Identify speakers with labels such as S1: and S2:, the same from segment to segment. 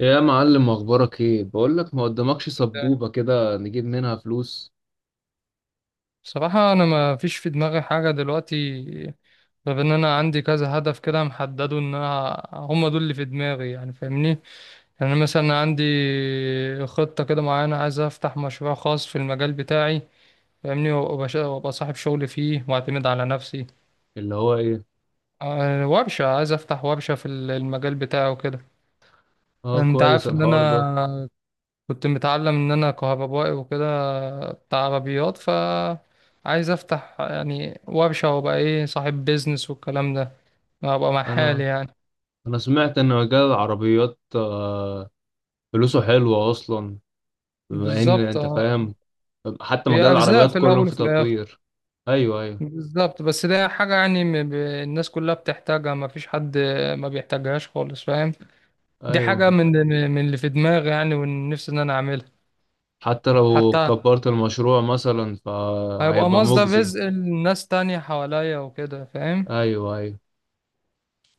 S1: يا معلم، اخبارك ايه؟ بقول لك، ما قدامكش سبوبة كده نجيب منها فلوس؟
S2: بصراحة أنا ما فيش في دماغي حاجة دلوقتي، غير إن أنا عندي كذا هدف كده محدده، إن أنا هما دول اللي في دماغي يعني، فاهمني. يعني مثلا عندي خطة كده معينة، عايز أفتح مشروع خاص في المجال بتاعي. فاهمني. وأبقى صاحب شغل فيه وأعتمد على نفسي.
S1: اللي هو ايه؟
S2: ورشة، عايز أفتح ورشة في المجال بتاعي وكده.
S1: اه،
S2: أنت
S1: كويس
S2: عارف إن
S1: الحوار ده.
S2: أنا كنت متعلم ان انا كهربائي وكده، بتاع عربيات، ف عايز افتح يعني وابشه وابقى ايه صاحب بيزنس والكلام ده، ابقى مع حالي
S1: انا
S2: يعني.
S1: انا سمعت ان مجال العربيات فلوسه حلوة اصلا. بما ان
S2: بالظبط
S1: انت
S2: اه.
S1: فاهم، حتى
S2: هي
S1: مجال
S2: ارزاق
S1: العربيات
S2: في
S1: كلهم
S2: الاول
S1: في
S2: وفي الاخر.
S1: تطوير. ايوه ايوه.
S2: بالظبط، بس ده حاجه يعني الناس كلها بتحتاجها، ما فيش حد ما بيحتاجهاش خالص، فاهم؟ دي
S1: ايوه،
S2: حاجه من اللي في دماغي يعني، ونفسي ان انا اعملها.
S1: حتى لو
S2: حتى
S1: كبرت المشروع مثلا
S2: هيبقى
S1: فهيبقى
S2: مصدر
S1: مجزي.
S2: رزق لناس تانية حواليا وكده، فاهم؟
S1: ايوه ايوه.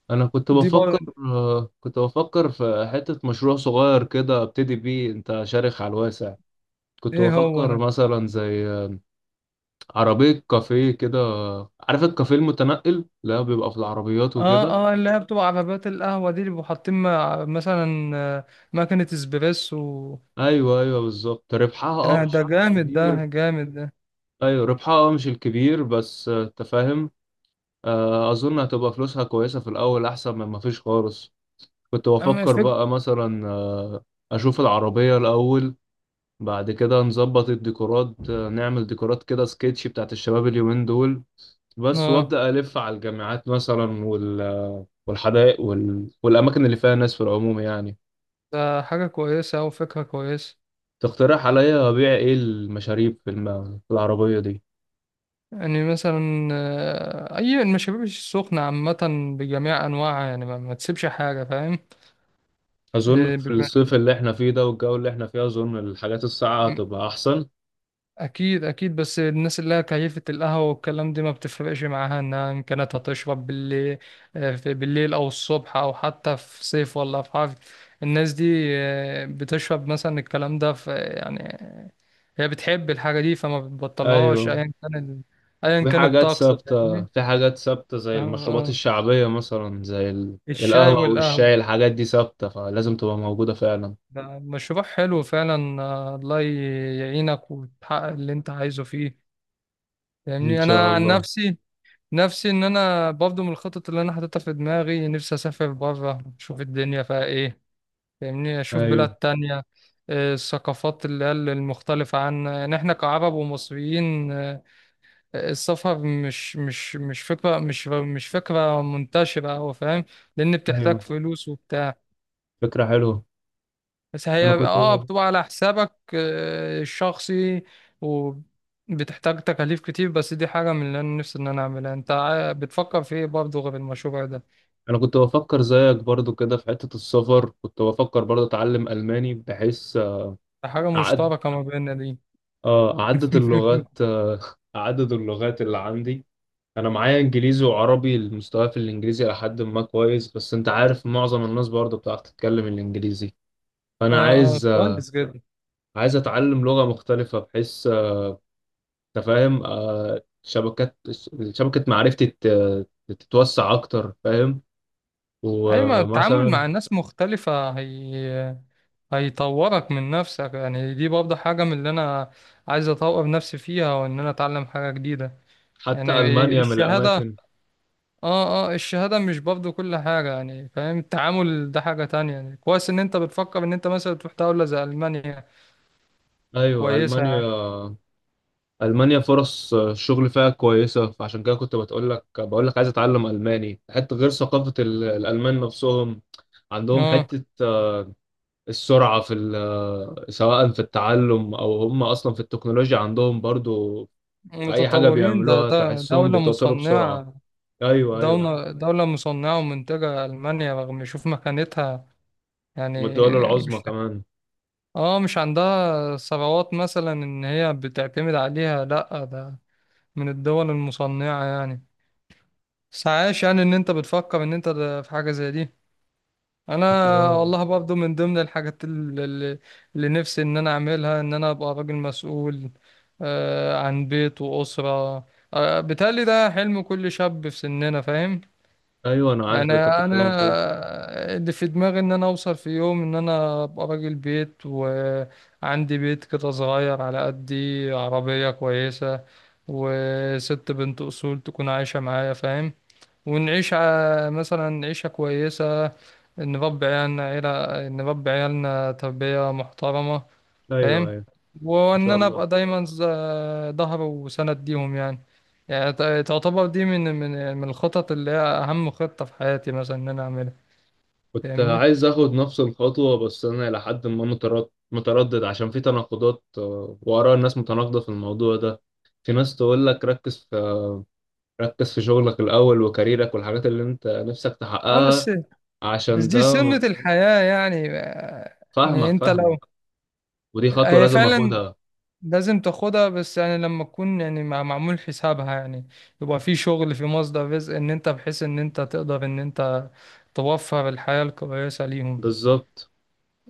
S1: انا كنت
S2: دي
S1: بفكر،
S2: برضه.
S1: كنت بفكر في حتة مشروع صغير كده ابتدي بيه. انت شارخ على الواسع. كنت
S2: ايه هو
S1: بفكر
S2: ده؟
S1: مثلا زي عربية كافيه كده. عارف الكافيه المتنقل، لا بيبقى في العربيات
S2: اه
S1: وكده.
S2: اه، اللي هي بتبقى عربيات القهوة دي، اللي بيبقوا حاطين مثلا ماكينة اسبريسو.
S1: ايوه ايوه، بالظبط. ربحها اه
S2: آه
S1: مش
S2: ده جامد، ده
S1: الكبير.
S2: جامد ده.
S1: ايوه، ربحها اه مش الكبير بس، انت فاهم. اظن هتبقى فلوسها كويسة في الاول، احسن من ما فيش خالص. كنت
S2: اما
S1: بفكر
S2: فك.
S1: بقى مثلا، اشوف العربية الاول، بعد كده نظبط الديكورات. نعمل ديكورات كده سكتش بتاعت الشباب اليومين دول بس،
S2: اه
S1: وابدا الف على الجامعات مثلا وال والحدائق وال... والاماكن اللي فيها ناس في العموم يعني.
S2: ده حاجة كويسة أو فكرة كويسة.
S1: تقترح عليا ابيع ايه المشاريب في, في العربيه دي؟
S2: يعني مثلا أي المشاريب السخنة عامة بجميع أنواعها يعني، ما تسيبش حاجة، فاهم؟
S1: اظن في
S2: بيبقى
S1: الصيف اللي احنا فيه ده والجو اللي احنا فيه، اظن الحاجات الساقعه هتبقى احسن.
S2: اكيد اكيد. بس الناس اللي هي كيفة القهوة والكلام دي ما بتفرقش معاها انها ان كانت هتشرب بالليل، في بالليل او الصبح او حتى في صيف ولا في حر. الناس دي بتشرب مثلا الكلام ده في يعني، هي بتحب الحاجة دي فما بتبطلهاش
S1: ايوه.
S2: ايا كان ايا
S1: في
S2: كان
S1: حاجات
S2: الطقس،
S1: ثابته،
S2: فاهمني؟
S1: في حاجات ثابته
S2: اه
S1: زي المشروبات
S2: اه،
S1: الشعبيه مثلا، زي
S2: الشاي
S1: القهوه
S2: والقهوة.
S1: والشاي. الحاجات دي ثابته فلازم تبقى موجوده فعلا.
S2: ده مشروع حلو فعلا. الله يعينك وتحقق اللي انت عايزه فيه.
S1: ان
S2: يعني
S1: شاء
S2: انا عن
S1: الله.
S2: نفسي، نفسي ان انا برضه من الخطط اللي انا حاططها في دماغي، نفسي اسافر بره، اشوف الدنيا فيها ايه. فاهمني؟ اشوف بلاد
S1: ايوه
S2: تانية، الثقافات اللي هي المختلفة عنا، يعني احنا كعرب ومصريين. السفر مش فكرة منتشرة أوي، فاهم؟ لأن بتحتاج
S1: ايوه،
S2: فلوس وبتاع،
S1: فكره حلوه.
S2: بس
S1: انا
S2: هي
S1: كنت،
S2: بتبقى على حسابك الشخصي. وبتحتاج تكاليف كتير. بس دي حاجة من اللي أنا نفسي إن أنا أعملها. أنت بتفكر في إيه برضه غير المشروع ده؟
S1: انا كنت بفكر زيك برضو كده في حتة السفر. كنت بفكر برضو اتعلم الماني، بحيث
S2: حاجة
S1: اعد،
S2: مشتركة ما بيننا دي.
S1: اه، اعدد اللغات، اعدد اللغات اللي عندي. انا معايا انجليزي وعربي. المستوى في الانجليزي الى حد ما كويس، بس انت عارف معظم الناس برضو بتعرف تتكلم الانجليزي. فانا
S2: اه اه،
S1: عايز،
S2: كويس جدا.
S1: عايز اتعلم لغة مختلفة، بحيث أنت فاهم، آه، شبكات شبكة معرفتي تتوسع اكتر، فاهم.
S2: اي ما التعامل مع
S1: ومثلا،
S2: الناس مختلفة، هي هيطورك من نفسك يعني. دي برضه حاجة من اللي انا عايز اطور نفسي فيها، وان انا اتعلم حاجة جديدة.
S1: حتى
S2: يعني
S1: المانيا من
S2: الشهادة.
S1: الاماكن.
S2: اه اه، الشهادة مش برضه كل حاجة يعني، فاهم؟ التعامل ده حاجة تانية. يعني كويس ان انت بتفكر ان انت مثلا تروح دولة زي ألمانيا،
S1: ايوه،
S2: كويسة
S1: المانيا.
S2: يعني.
S1: المانيا فرص الشغل فيها كويسه، فعشان كده كنت بتقول لك، بقول لك عايز اتعلم الماني. حتى غير ثقافه الالمان نفسهم عندهم
S2: اه
S1: حته السرعه في سواء في التعلم، او هم اصلا في التكنولوجيا عندهم برضو. في اي حاجه
S2: متطورين. ده
S1: بيعملوها
S2: ده
S1: تحسهم
S2: دولة
S1: بيتوتروا بسرعه.
S2: مصنعة.
S1: ايوه ايوه،
S2: دولة مصنعة ومنتجة ألمانيا، رغم شوف مكانتها يعني.
S1: والدول العظمى
S2: مش
S1: كمان.
S2: اه مش عندها ثروات مثلا إن هي بتعتمد عليها، لأ ده من الدول المصنعة يعني. بس عايش يعني إن أنت بتفكر إن أنت ده في حاجة زي دي. أنا
S1: كنت.
S2: والله برضو من ضمن الحاجات اللي نفسي إن أنا أعملها، إن أنا أبقى راجل مسؤول عن بيت وأسرة. بيتهيألي ده حلم كل شاب في سننا، فاهم؟
S1: ايوه، انا عارف
S2: يعني
S1: اللي انت بتتكلم فيه.
S2: انا اللي في دماغي ان انا اوصل في يوم، ان انا ابقى راجل بيت وعندي بيت كده صغير على قدي، عربية كويسة، وست بنت اصول تكون عايشة معايا، فاهم؟ ونعيش مثلا عيشة كويسة، نربي عيالنا، عيلة نربي عيالنا تربية محترمة،
S1: ايوه
S2: فاهم؟
S1: ايوه. ما
S2: وان
S1: شاء
S2: انا
S1: الله.
S2: ابقى دايما ظهر وسند ليهم يعني. يعني تعتبر دي من الخطط اللي هي اهم خطة في حياتي، مثلا ان انا اعملها.
S1: كنت
S2: فاهمني؟
S1: عايز اخد نفس الخطوة، بس انا الى حد ما متردد، عشان في تناقضات. واراء الناس متناقضة في الموضوع ده. في ناس تقول لك ركز في، ركز في شغلك الاول وكاريرك والحاجات اللي انت نفسك
S2: اه بس
S1: تحققها،
S2: بس
S1: عشان ده.
S2: دي سنة الحياة يعني. يعني
S1: فاهمك،
S2: انت لو،
S1: فاهمك. ودي خطوة
S2: هي
S1: لازم
S2: فعلا
S1: اخدها.
S2: لازم تاخدها، بس يعني لما تكون يعني معمول حسابها يعني، يبقى في شغل، في مصدر رزق، ان انت بحيث ان انت تقدر ان انت توفر الحياة الكويسة ليهم.
S1: بالظبط.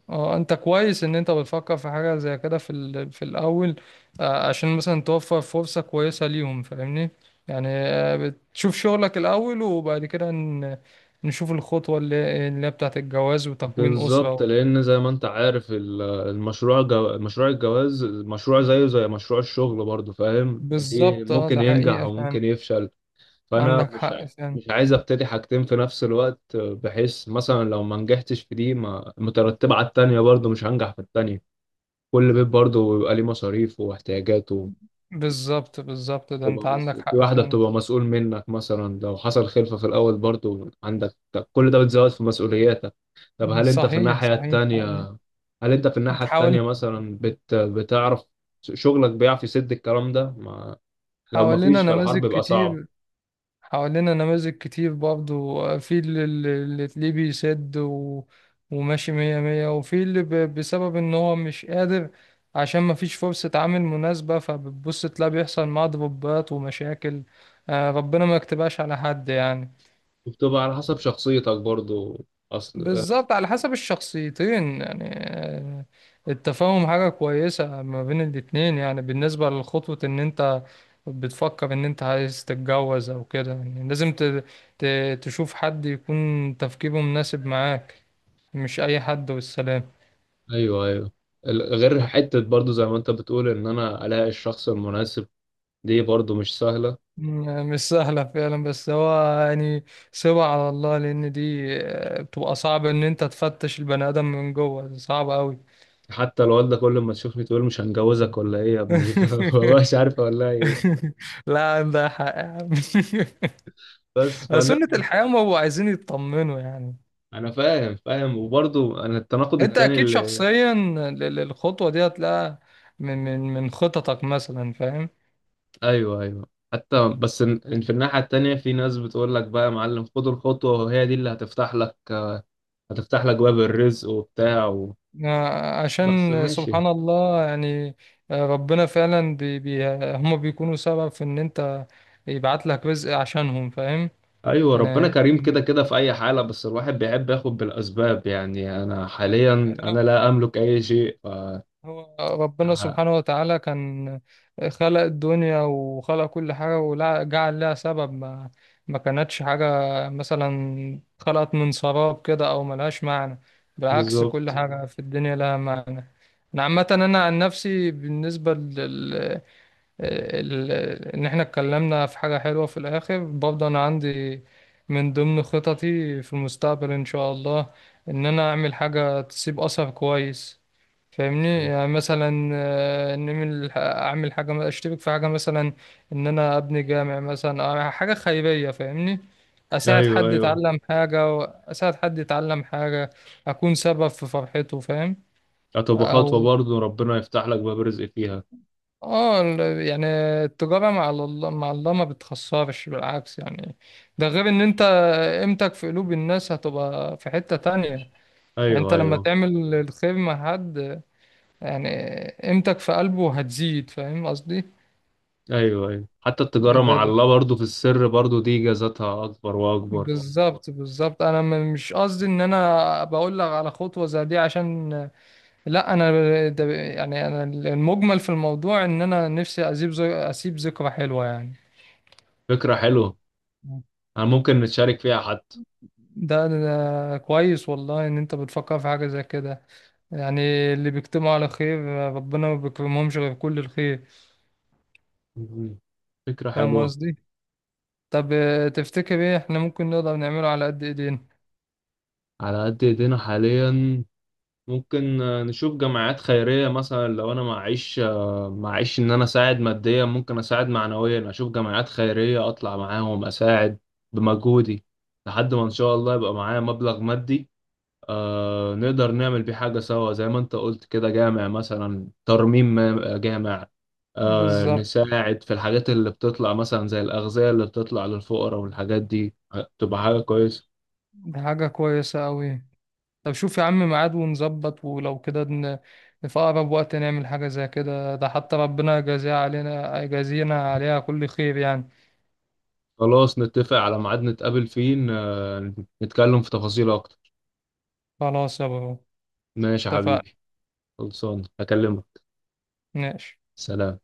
S2: اه انت كويس ان انت بتفكر في حاجة زي كده في في الاول. عشان مثلا توفر فرصة كويسة ليهم، فاهمني؟ يعني بتشوف شغلك الاول وبعد كده نشوف الخطوة اللي هي بتاعت الجواز وتكوين
S1: بالظبط،
S2: أسرة.
S1: لان زي ما انت عارف مشروع الجواز مشروع زيه زي مشروع الشغل برضه، فاهم؟ ليه
S2: بالظبط اه،
S1: ممكن
S2: ده
S1: ينجح
S2: حقيقة فعلا.
S1: وممكن يفشل. فانا
S2: عندك حق فعلا.
S1: مش عايز ابتدي حاجتين في نفس الوقت، بحيث مثلا لو ما نجحتش في دي ما مترتبة على التانية برضه مش هنجح في التانية. كل بيت برضه بيبقى ليه مصاريف واحتياجاته.
S2: بالظبط بالظبط، ده انت عندك
S1: في
S2: حق
S1: واحدة
S2: فعلا.
S1: بتبقى مسؤول منك. مثلا لو حصل خلفة في الأول برضه عندك، طب كل ده بتزود في مسؤولياتك. طب هل أنت في
S2: صحيح
S1: الناحية
S2: صحيح
S1: التانية،
S2: حقيقي.
S1: هل أنت في الناحية التانية
S2: حاول.
S1: مثلا بتعرف شغلك بيعرف يسد الكلام ده ما... لو
S2: حوالينا
S1: مفيش فالحرب
S2: نماذج
S1: بيبقى صعب.
S2: كتير. حوالينا نماذج كتير برضو، في اللي تلاقيه بيسد وماشي مية مية، وفي اللي بسبب ان هو مش قادر، عشان مفيش فرصة عمل مناسبة، فبتبص تلاقي بيحصل معاه ضربات ومشاكل. ربنا ما يكتبهاش على حد يعني.
S1: وبتبقى على حسب شخصيتك برضو، اصل.
S2: بالظبط، على حسب الشخصيتين يعني. التفاهم حاجة كويسة ما بين الاتنين يعني. بالنسبة لخطوة ان انت بتفكر ان انت عايز تتجوز او كده، يعني لازم تشوف حد يكون تفكيره مناسب معاك، مش اي حد والسلام.
S1: ايوه ايوه. غير حتة برضو زي ما انت بتقول ان انا الاقي الشخص المناسب، دي برضو مش سهلة.
S2: مش سهلة فعلا، بس هو يعني سيبها على الله، لان دي بتبقى صعب ان انت تفتش البني ادم من جوه، صعب قوي.
S1: حتى الوالدة كل ما تشوفني تقول مش هنجوزك ولا ايه يا ابني، فمبقاش عارف اقول لها ايه.
S2: لا، عندها حق يا عم.
S1: بس
S2: سنة
S1: فنثبت.
S2: الحياة، ما هو عايزين يطمنوا يعني.
S1: انا فاهم فاهم، وبرضو انا التناقض
S2: انت
S1: التاني
S2: اكيد
S1: اللي.
S2: شخصيا الخطوة دي هتلاقيها من خططك مثلا، فاهم؟
S1: ايوه ايوه. حتى بس إن في الناحية التانية في ناس بتقول لك بقى يا معلم خد الخطوة، وهي دي اللي هتفتح لك، هتفتح لك باب الرزق وبتاع و...
S2: عشان
S1: بس ماشي.
S2: سبحان الله يعني. ربنا فعلا بي بي هم بيكونوا سبب في ان انت يبعت لك رزق عشانهم، فاهم؟
S1: ايوه.
S2: انا
S1: ربنا كريم،
S2: يعني
S1: كده كده في اي حاله، بس الواحد بيحب ياخد بالاسباب. يعني انا حاليا انا
S2: يعني
S1: لا املك اي شيء ف...
S2: هو ربنا
S1: ه-.
S2: سبحانه وتعالى كان خلق الدنيا وخلق كل حاجة، وجعل لها سبب. ما كانتش حاجة مثلا خلقت من سراب كده أو ملهاش معنى، بالعكس كل
S1: بالظبط.
S2: حاجة في الدنيا لها معنى. أنا عامة أنا عن نفسي، بالنسبة ال- ان احنا اتكلمنا في حاجة حلوة في الاخر، برضه انا عندي من ضمن خططي في المستقبل ان شاء الله، ان انا اعمل حاجة تسيب اثر كويس، فاهمني؟ يعني مثلا ان اعمل حاجة، اشترك في حاجة مثلا، ان انا ابني جامع مثلا أو حاجة خيرية، فاهمني؟ اساعد
S1: ايوه
S2: حد
S1: ايوه.
S2: يتعلم حاجة. اساعد حد يتعلم حاجة، اكون سبب في فرحته، فاهم؟
S1: هتبقى خطوه
S2: او
S1: برضه ربنا يفتح لك باب رزق فيها.
S2: اه يعني التجارة مع الله، مع الله ما بتخسرش بالعكس يعني. ده غير ان انت قيمتك في قلوب الناس هتبقى في حتة تانية يعني. انت
S1: ايوه
S2: لما
S1: ايوه.
S2: تعمل الخير مع حد، يعني قيمتك في قلبه هتزيد، فاهم قصدي؟
S1: ايوه ايوه، حتى التجاره
S2: بالظبط
S1: مع
S2: ده.
S1: الله برضه في السر برضه دي جازتها اكبر واكبر.
S2: بالظبط بالظبط. انا مش قصدي ان انا بقول لك على خطوة زي دي عشان، لا انا، ده يعني انا المجمل في الموضوع ان انا نفسي اسيب اسيب ذكرى حلوة يعني.
S1: فكره حلوه، انا ممكن نتشارك فيها حتى.
S2: ده, ده, ده كويس والله ان انت بتفكر في حاجة زي كده. يعني اللي بيجتمعوا على خير ربنا ما بيكرمهمش غير كل الخير.
S1: مم. فكره
S2: فاهم
S1: حلوه.
S2: قصدي؟ طب تفتكر ايه احنا ممكن نقدر نعمله على قد ايدينا؟
S1: على قد ايدينا حاليا، ممكن نشوف جمعيات خيرية مثلا. لو أنا معيش، معيش إن أنا أساعد ماديا، ممكن أساعد معنويا. أشوف جمعيات خيرية أطلع معاهم أساعد بمجهودي، لحد ما إن شاء الله يبقى معايا مبلغ مادي، آه، نقدر نعمل بيه حاجة سوا زي ما أنت قلت كده، جامع مثلا، ترميم جامع، آه،
S2: بالظبط،
S1: نساعد في الحاجات اللي بتطلع مثلا زي الأغذية اللي بتطلع للفقراء والحاجات دي. تبقى حاجة كويسة.
S2: دي حاجة كويسة قوي. طب شوف يا عم ميعاد ونظبط ولو كده في اقرب وقت نعمل حاجة زي كده، ده حتى ربنا يجازيها علينا، يجازينا عليها كل خير يعني.
S1: خلاص، نتفق على ميعاد نتقابل فيه نتكلم في تفاصيل اكتر.
S2: خلاص يا برو،
S1: ماشي يا
S2: اتفقنا.
S1: حبيبي. خلصان، هكلمك.
S2: ماشي.
S1: سلام.